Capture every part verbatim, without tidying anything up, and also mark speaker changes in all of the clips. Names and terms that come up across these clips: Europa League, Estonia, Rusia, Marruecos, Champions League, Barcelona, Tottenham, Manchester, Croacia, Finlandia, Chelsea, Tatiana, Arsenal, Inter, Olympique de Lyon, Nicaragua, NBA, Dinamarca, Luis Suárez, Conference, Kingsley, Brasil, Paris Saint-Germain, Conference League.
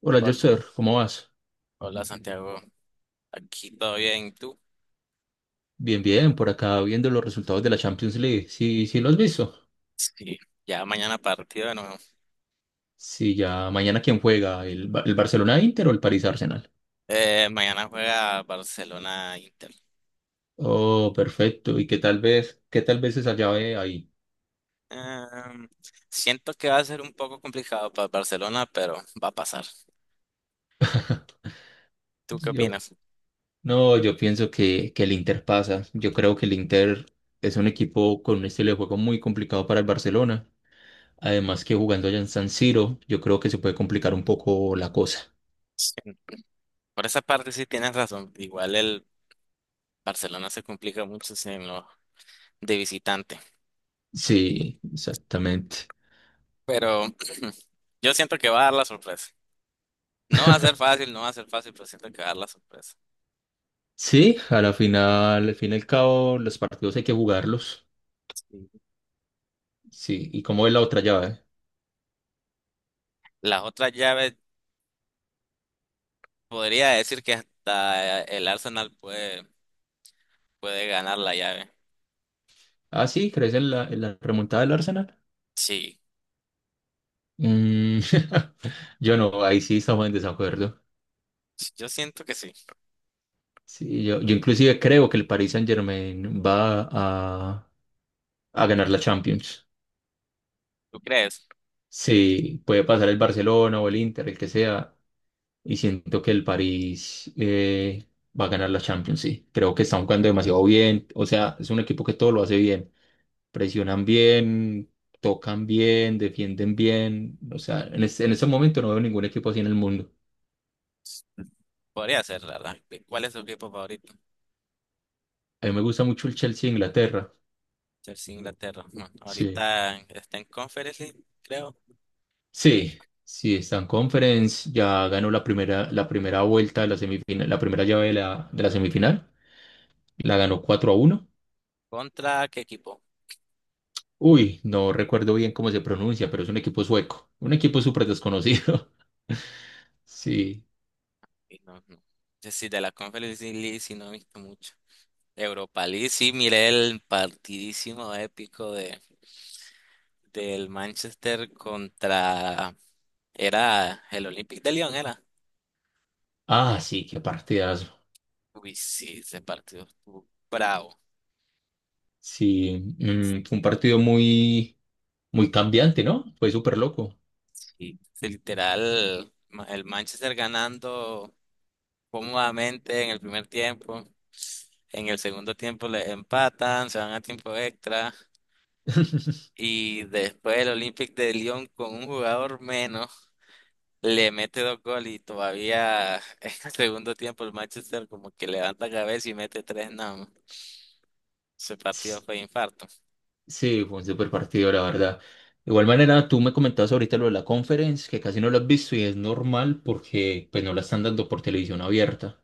Speaker 1: Hola,
Speaker 2: Hol-
Speaker 1: Joster, ¿cómo vas?
Speaker 2: Hola Santiago, aquí todo bien, ¿tú?
Speaker 1: Bien, bien, por acá viendo los resultados de la Champions League. Sí, sí, lo has visto.
Speaker 2: Sí, ya mañana partido de nuevo.
Speaker 1: Sí, ya mañana quién juega, el, Ba- el Barcelona Inter o el París Arsenal.
Speaker 2: Eh, mañana juega Barcelona-Inter.
Speaker 1: Oh, perfecto. ¿Y qué tal vez, qué tal vez esa llave ahí?
Speaker 2: Em, Siento que va a ser un poco complicado para Barcelona, pero va a pasar. ¿Tú qué
Speaker 1: Yo,
Speaker 2: opinas?
Speaker 1: no, yo pienso que, que el Inter pasa. Yo creo que el Inter es un equipo con un estilo de juego muy complicado para el Barcelona. Además que jugando allá en San Siro, yo creo que se puede complicar un poco la cosa.
Speaker 2: Sí, por esa parte sí tienes razón. Igual el Barcelona se complica mucho en lo de visitante,
Speaker 1: Sí, exactamente.
Speaker 2: pero yo siento que va a dar la sorpresa. No va a ser fácil, no va a ser fácil, pero siento que va a dar la sorpresa.
Speaker 1: Sí, a la final, al fin y al cabo, los partidos hay que jugarlos. Sí, ¿y cómo es la otra llave?
Speaker 2: Las otras llaves, podría decir que hasta el Arsenal puede, puede ganar la llave.
Speaker 1: Ah, sí, ¿crees en la, en la remontada del Arsenal?
Speaker 2: Sí,
Speaker 1: Mm. Yo no, ahí sí estamos en desacuerdo.
Speaker 2: yo siento que sí.
Speaker 1: Sí, yo, yo inclusive creo que el Paris Saint-Germain va a, a ganar la Champions.
Speaker 2: ¿Tú crees?
Speaker 1: Sí, puede pasar el Barcelona o el Inter, el que sea, y siento que el París eh, va a ganar la Champions, sí. Creo que están jugando demasiado bien, o sea, es un equipo que todo lo hace bien. Presionan bien, tocan bien, defienden bien. O sea, en ese, en ese momento no veo ningún equipo así en el mundo.
Speaker 2: Podría ser, la verdad. ¿Cuál es tu equipo favorito?
Speaker 1: A mí me gusta mucho el Chelsea de Inglaterra.
Speaker 2: Chelsea, Inglaterra. No,
Speaker 1: Sí.
Speaker 2: ahorita está en Conference League, creo.
Speaker 1: Sí, sí, está en Conference, ya ganó la primera, la primera vuelta de la semifinal, la primera llave de la, de la semifinal, la ganó cuatro a uno.
Speaker 2: ¿Contra qué equipo?
Speaker 1: Uy, no recuerdo bien cómo se pronuncia, pero es un equipo sueco, un equipo súper desconocido. Sí.
Speaker 2: Y no, no. Sí, de la Conference League sí no he visto mucho. Europa League, sí, miré el partidísimo épico de del Manchester contra era el Olympique de Lyon, era.
Speaker 1: Ah, sí, qué partidazo.
Speaker 2: Uy, sí, ese partido estuvo bravo.
Speaker 1: Sí, mm, fue un partido muy, Muy cambiante, ¿no? Fue súper loco.
Speaker 2: Sí, sí, literal, ma- el Manchester ganando cómodamente en el primer tiempo. En el segundo tiempo le empatan, se van a tiempo extra. Y después el Olympique de Lyon con un jugador menos. Le mete dos goles y todavía en el segundo tiempo el Manchester como que levanta cabeza y mete tres. No, ese partido fue infarto.
Speaker 1: Sí, fue un súper partido, la verdad. De igual manera, tú me comentabas ahorita lo de la conference, que casi no lo has visto y es normal porque pues no la están dando por televisión abierta.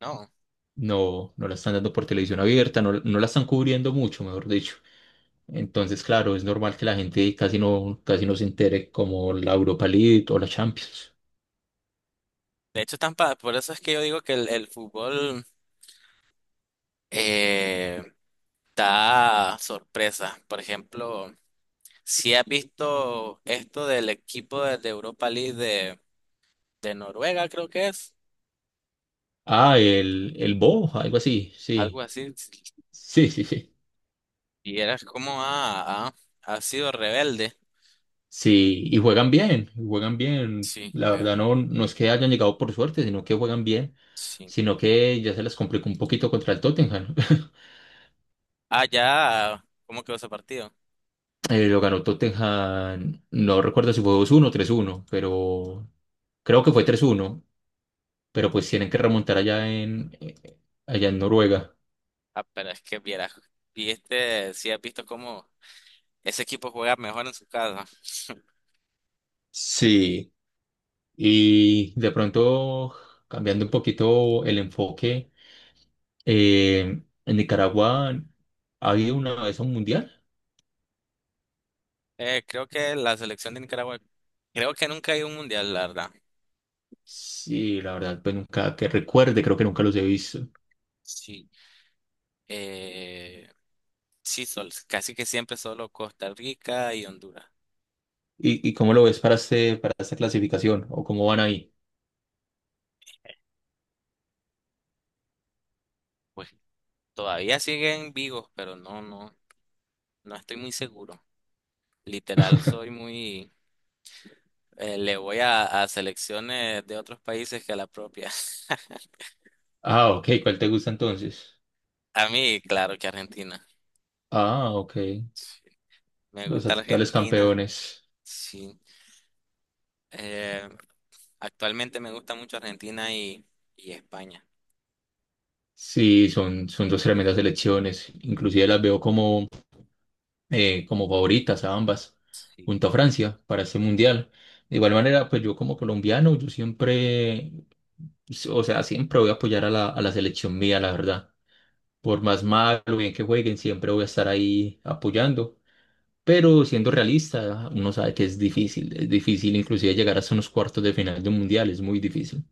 Speaker 2: No.
Speaker 1: No, no la están dando por televisión abierta, no, no la están cubriendo mucho, mejor dicho. Entonces, claro, es normal que la gente casi no, casi no se entere como la Europa League o la Champions.
Speaker 2: De hecho, tan pa- por eso es que yo digo que el, el fútbol eh, da sorpresa. Por ejemplo, si has visto esto del equipo de, de Europa League de, de Noruega, creo que es,
Speaker 1: Ah, el, el Bo, algo así,
Speaker 2: algo
Speaker 1: sí.
Speaker 2: así,
Speaker 1: Sí, sí, sí.
Speaker 2: y eras como ha, ha, ha sido rebelde.
Speaker 1: Sí, y juegan bien, y juegan bien.
Speaker 2: Sí,
Speaker 1: La
Speaker 2: vea,
Speaker 1: verdad no, no es que hayan llegado por suerte, sino que juegan bien,
Speaker 2: sí.
Speaker 1: sino que ya se les complicó un poquito contra el Tottenham.
Speaker 2: Ah, ya, ¿cómo quedó ese partido?
Speaker 1: Eh, lo ganó Tottenham, no recuerdo si fue dos uno o tres uno, pero creo que fue tres uno, pero pues tienen que remontar allá en, eh, allá en Noruega.
Speaker 2: Ah, pero es que vieras, viste, si has visto cómo ese equipo juega mejor en su casa.
Speaker 1: Sí, y de pronto, cambiando un poquito el enfoque, eh, en Nicaragua ha habido una vez un mundial.
Speaker 2: Eh, creo que la selección de Nicaragua, creo que nunca hay un mundial, la verdad.
Speaker 1: Sí, la verdad, pues nunca que recuerde, creo que nunca los he visto.
Speaker 2: Sí. Eh, sí, sol- casi que siempre solo Costa Rica y Honduras.
Speaker 1: ¿Y, y cómo lo ves para este, para esta clasificación? ¿O cómo van ahí?
Speaker 2: Pues todavía siguen vivos, pero no, no, no estoy muy seguro. Literal, soy muy, eh, le voy a, a selecciones de otros países que a la propia.
Speaker 1: Ah, ok, ¿cuál te gusta entonces?
Speaker 2: A mí, claro que Argentina.
Speaker 1: Ah, ok,
Speaker 2: Sí, me
Speaker 1: los
Speaker 2: gusta
Speaker 1: actuales
Speaker 2: Argentina.
Speaker 1: campeones.
Speaker 2: Sí. Eh, Actualmente me gusta mucho Argentina y, y España.
Speaker 1: Sí, son, son dos tremendas selecciones. Inclusive las veo como, eh, como favoritas a ambas,
Speaker 2: Sí.
Speaker 1: junto a Francia, para este mundial. De igual manera, pues yo como colombiano, yo siempre, o sea, siempre voy a apoyar a la, a la selección mía, la verdad. Por más mal o bien que jueguen, siempre voy a estar ahí apoyando. Pero siendo realista, uno sabe que es difícil. Es difícil inclusive llegar hasta unos cuartos de final de un mundial, es muy difícil.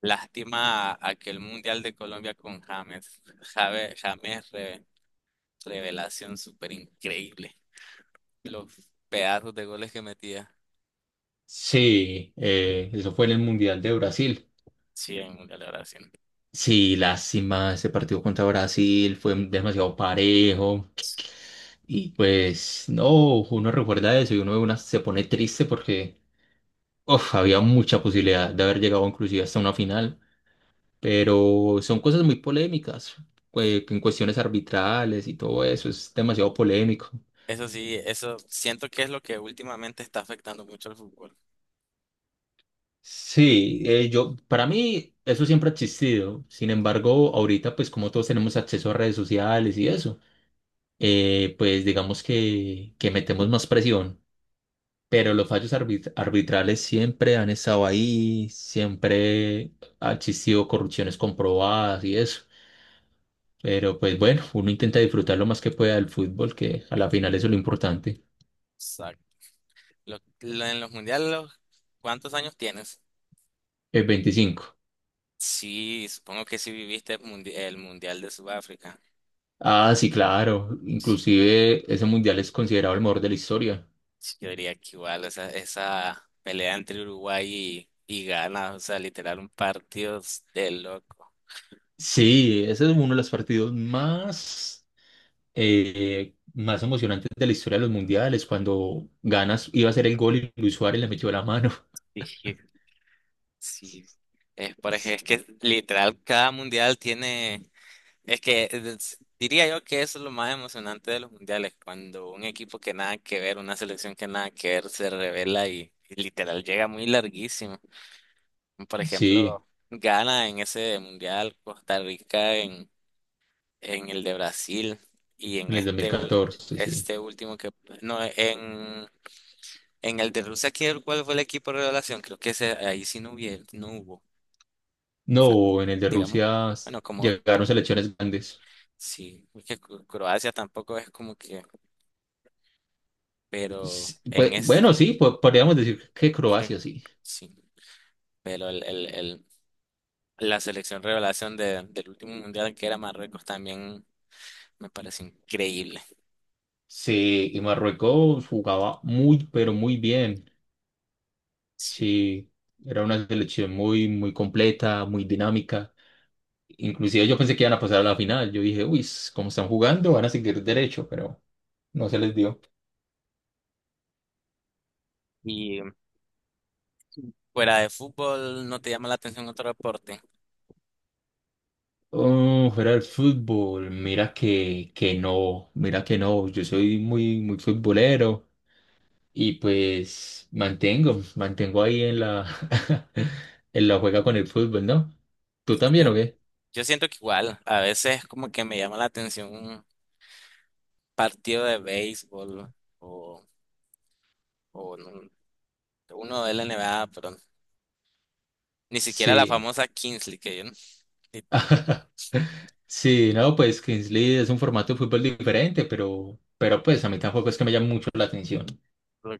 Speaker 2: Lástima a- aquel Mundial de Colombia con James. Jave- James, re- revelación súper increíble. Los pedazos de goles que metía.
Speaker 1: Sí, eh, eso fue en el Mundial de Brasil.
Speaker 2: Sí, en el Mundial de Brasil.
Speaker 1: Sí, lástima, ese partido contra Brasil fue demasiado parejo. Y pues no, uno recuerda eso y uno de una se pone triste porque uf, había mucha posibilidad de haber llegado inclusive hasta una final. Pero son cosas muy polémicas, eh, en cuestiones arbitrales y todo eso, es demasiado polémico.
Speaker 2: Eso sí, eso siento que es lo que últimamente está afectando mucho al fútbol.
Speaker 1: Sí, eh, yo, para mí eso siempre ha existido. Sin embargo, ahorita pues como todos tenemos acceso a redes sociales y eso, eh, pues digamos que, que metemos más presión. Pero los fallos arbit- arbitrales siempre han estado ahí, siempre ha existido corrupciones comprobadas y eso. Pero pues bueno, uno intenta disfrutar lo más que pueda del fútbol, que a la final eso es lo importante.
Speaker 2: Exacto. Lo- lo- en los mundiales, los- ¿cuántos años tienes?
Speaker 1: El veinticinco.
Speaker 2: Sí, supongo que sí viviste el mundi- el Mundial de Sudáfrica.
Speaker 1: Ah, sí, claro. Inclusive ese mundial es considerado el mejor de la historia.
Speaker 2: Sí, yo diría que igual, o sea, esa pelea entre Uruguay y, y Ghana, o sea, literal un partido de loco.
Speaker 1: Sí, ese es uno de los partidos más, eh, más emocionantes de la historia de los mundiales, cuando ganas, iba a ser el gol y Luis Suárez le metió la mano.
Speaker 2: Sí, sí. Es, por ej- es que literal cada mundial tiene, es que es- diría yo que eso es lo más emocionante de los mundiales, cuando un equipo que nada que ver, una selección que nada que ver se revela y, y literal llega muy larguísimo. Por
Speaker 1: Sí,
Speaker 2: ejemplo, Ghana en ese mundial, Costa Rica en el de Brasil y en
Speaker 1: en el dos mil
Speaker 2: este, ul-
Speaker 1: catorce sí.
Speaker 2: este último que... No, en, en el de Rusia, ¿quién ¿cuál fue el equipo de revelación? Creo que ese, ahí sí no hubiera, no hubo,
Speaker 1: No, en el de
Speaker 2: digamos.
Speaker 1: Rusia
Speaker 2: Bueno, como
Speaker 1: llegaron selecciones grandes.
Speaker 2: sí, porque Cro- Croacia tampoco es como que... Pero
Speaker 1: S-
Speaker 2: en
Speaker 1: pues,
Speaker 2: este...
Speaker 1: bueno, sí, po- podríamos decir que Croacia, sí.
Speaker 2: Sí, pero el, el, el- la selección revelación de- del último mundial que era Marruecos también me parece increíble.
Speaker 1: Sí, y Marruecos jugaba muy, pero muy bien.
Speaker 2: Sí.
Speaker 1: Sí, era una selección muy, muy completa, muy dinámica. Inclusive yo pensé que iban a pasar a la final. Yo dije, uy, s- como están jugando, van a seguir derecho, pero no se les dio.
Speaker 2: Y fuera de fútbol, ¿no te llama la atención otro deporte?
Speaker 1: Oh, fuera del fútbol, mira que, que no, mira que no. Yo soy muy, muy futbolero y pues mantengo, mantengo ahí en la, en la juega con el fútbol, ¿no? ¿Tú también o qué?
Speaker 2: Yo siento que igual, a veces como que me llama la atención un partido de béisbol o, o no- uno de la N B A, pero ni siquiera la
Speaker 1: Sí.
Speaker 2: famosa Kingsley, que yo no- ni-
Speaker 1: Sí, no, pues Kingsley es un formato de fútbol diferente, pero, pero pues a mí tampoco es que me llame mucho la atención.
Speaker 2: lo o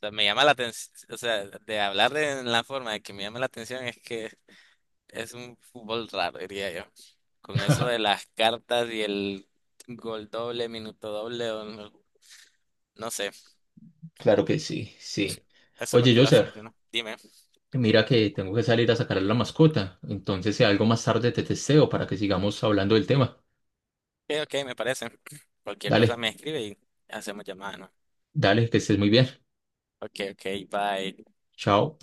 Speaker 2: sea, me llama la atención, o sea, de hablar de la forma de que me llama la atención es que es un fútbol raro, diría yo. Con eso de las cartas y el gol doble, minuto doble, o no, no sé,
Speaker 1: Claro que sí, sí.
Speaker 2: eso es lo
Speaker 1: Oye,
Speaker 2: que lo hace
Speaker 1: Joser,
Speaker 2: emocionante. Dime,
Speaker 1: mira que tengo que salir a sacar a la mascota, entonces si algo más tarde te testeo para que sigamos hablando del tema.
Speaker 2: ok, ok, me parece. Cualquier cosa
Speaker 1: Dale,
Speaker 2: me escribe y hacemos llamada, ¿no?
Speaker 1: dale, que estés muy bien.
Speaker 2: Ok, ok, bye.
Speaker 1: Chao.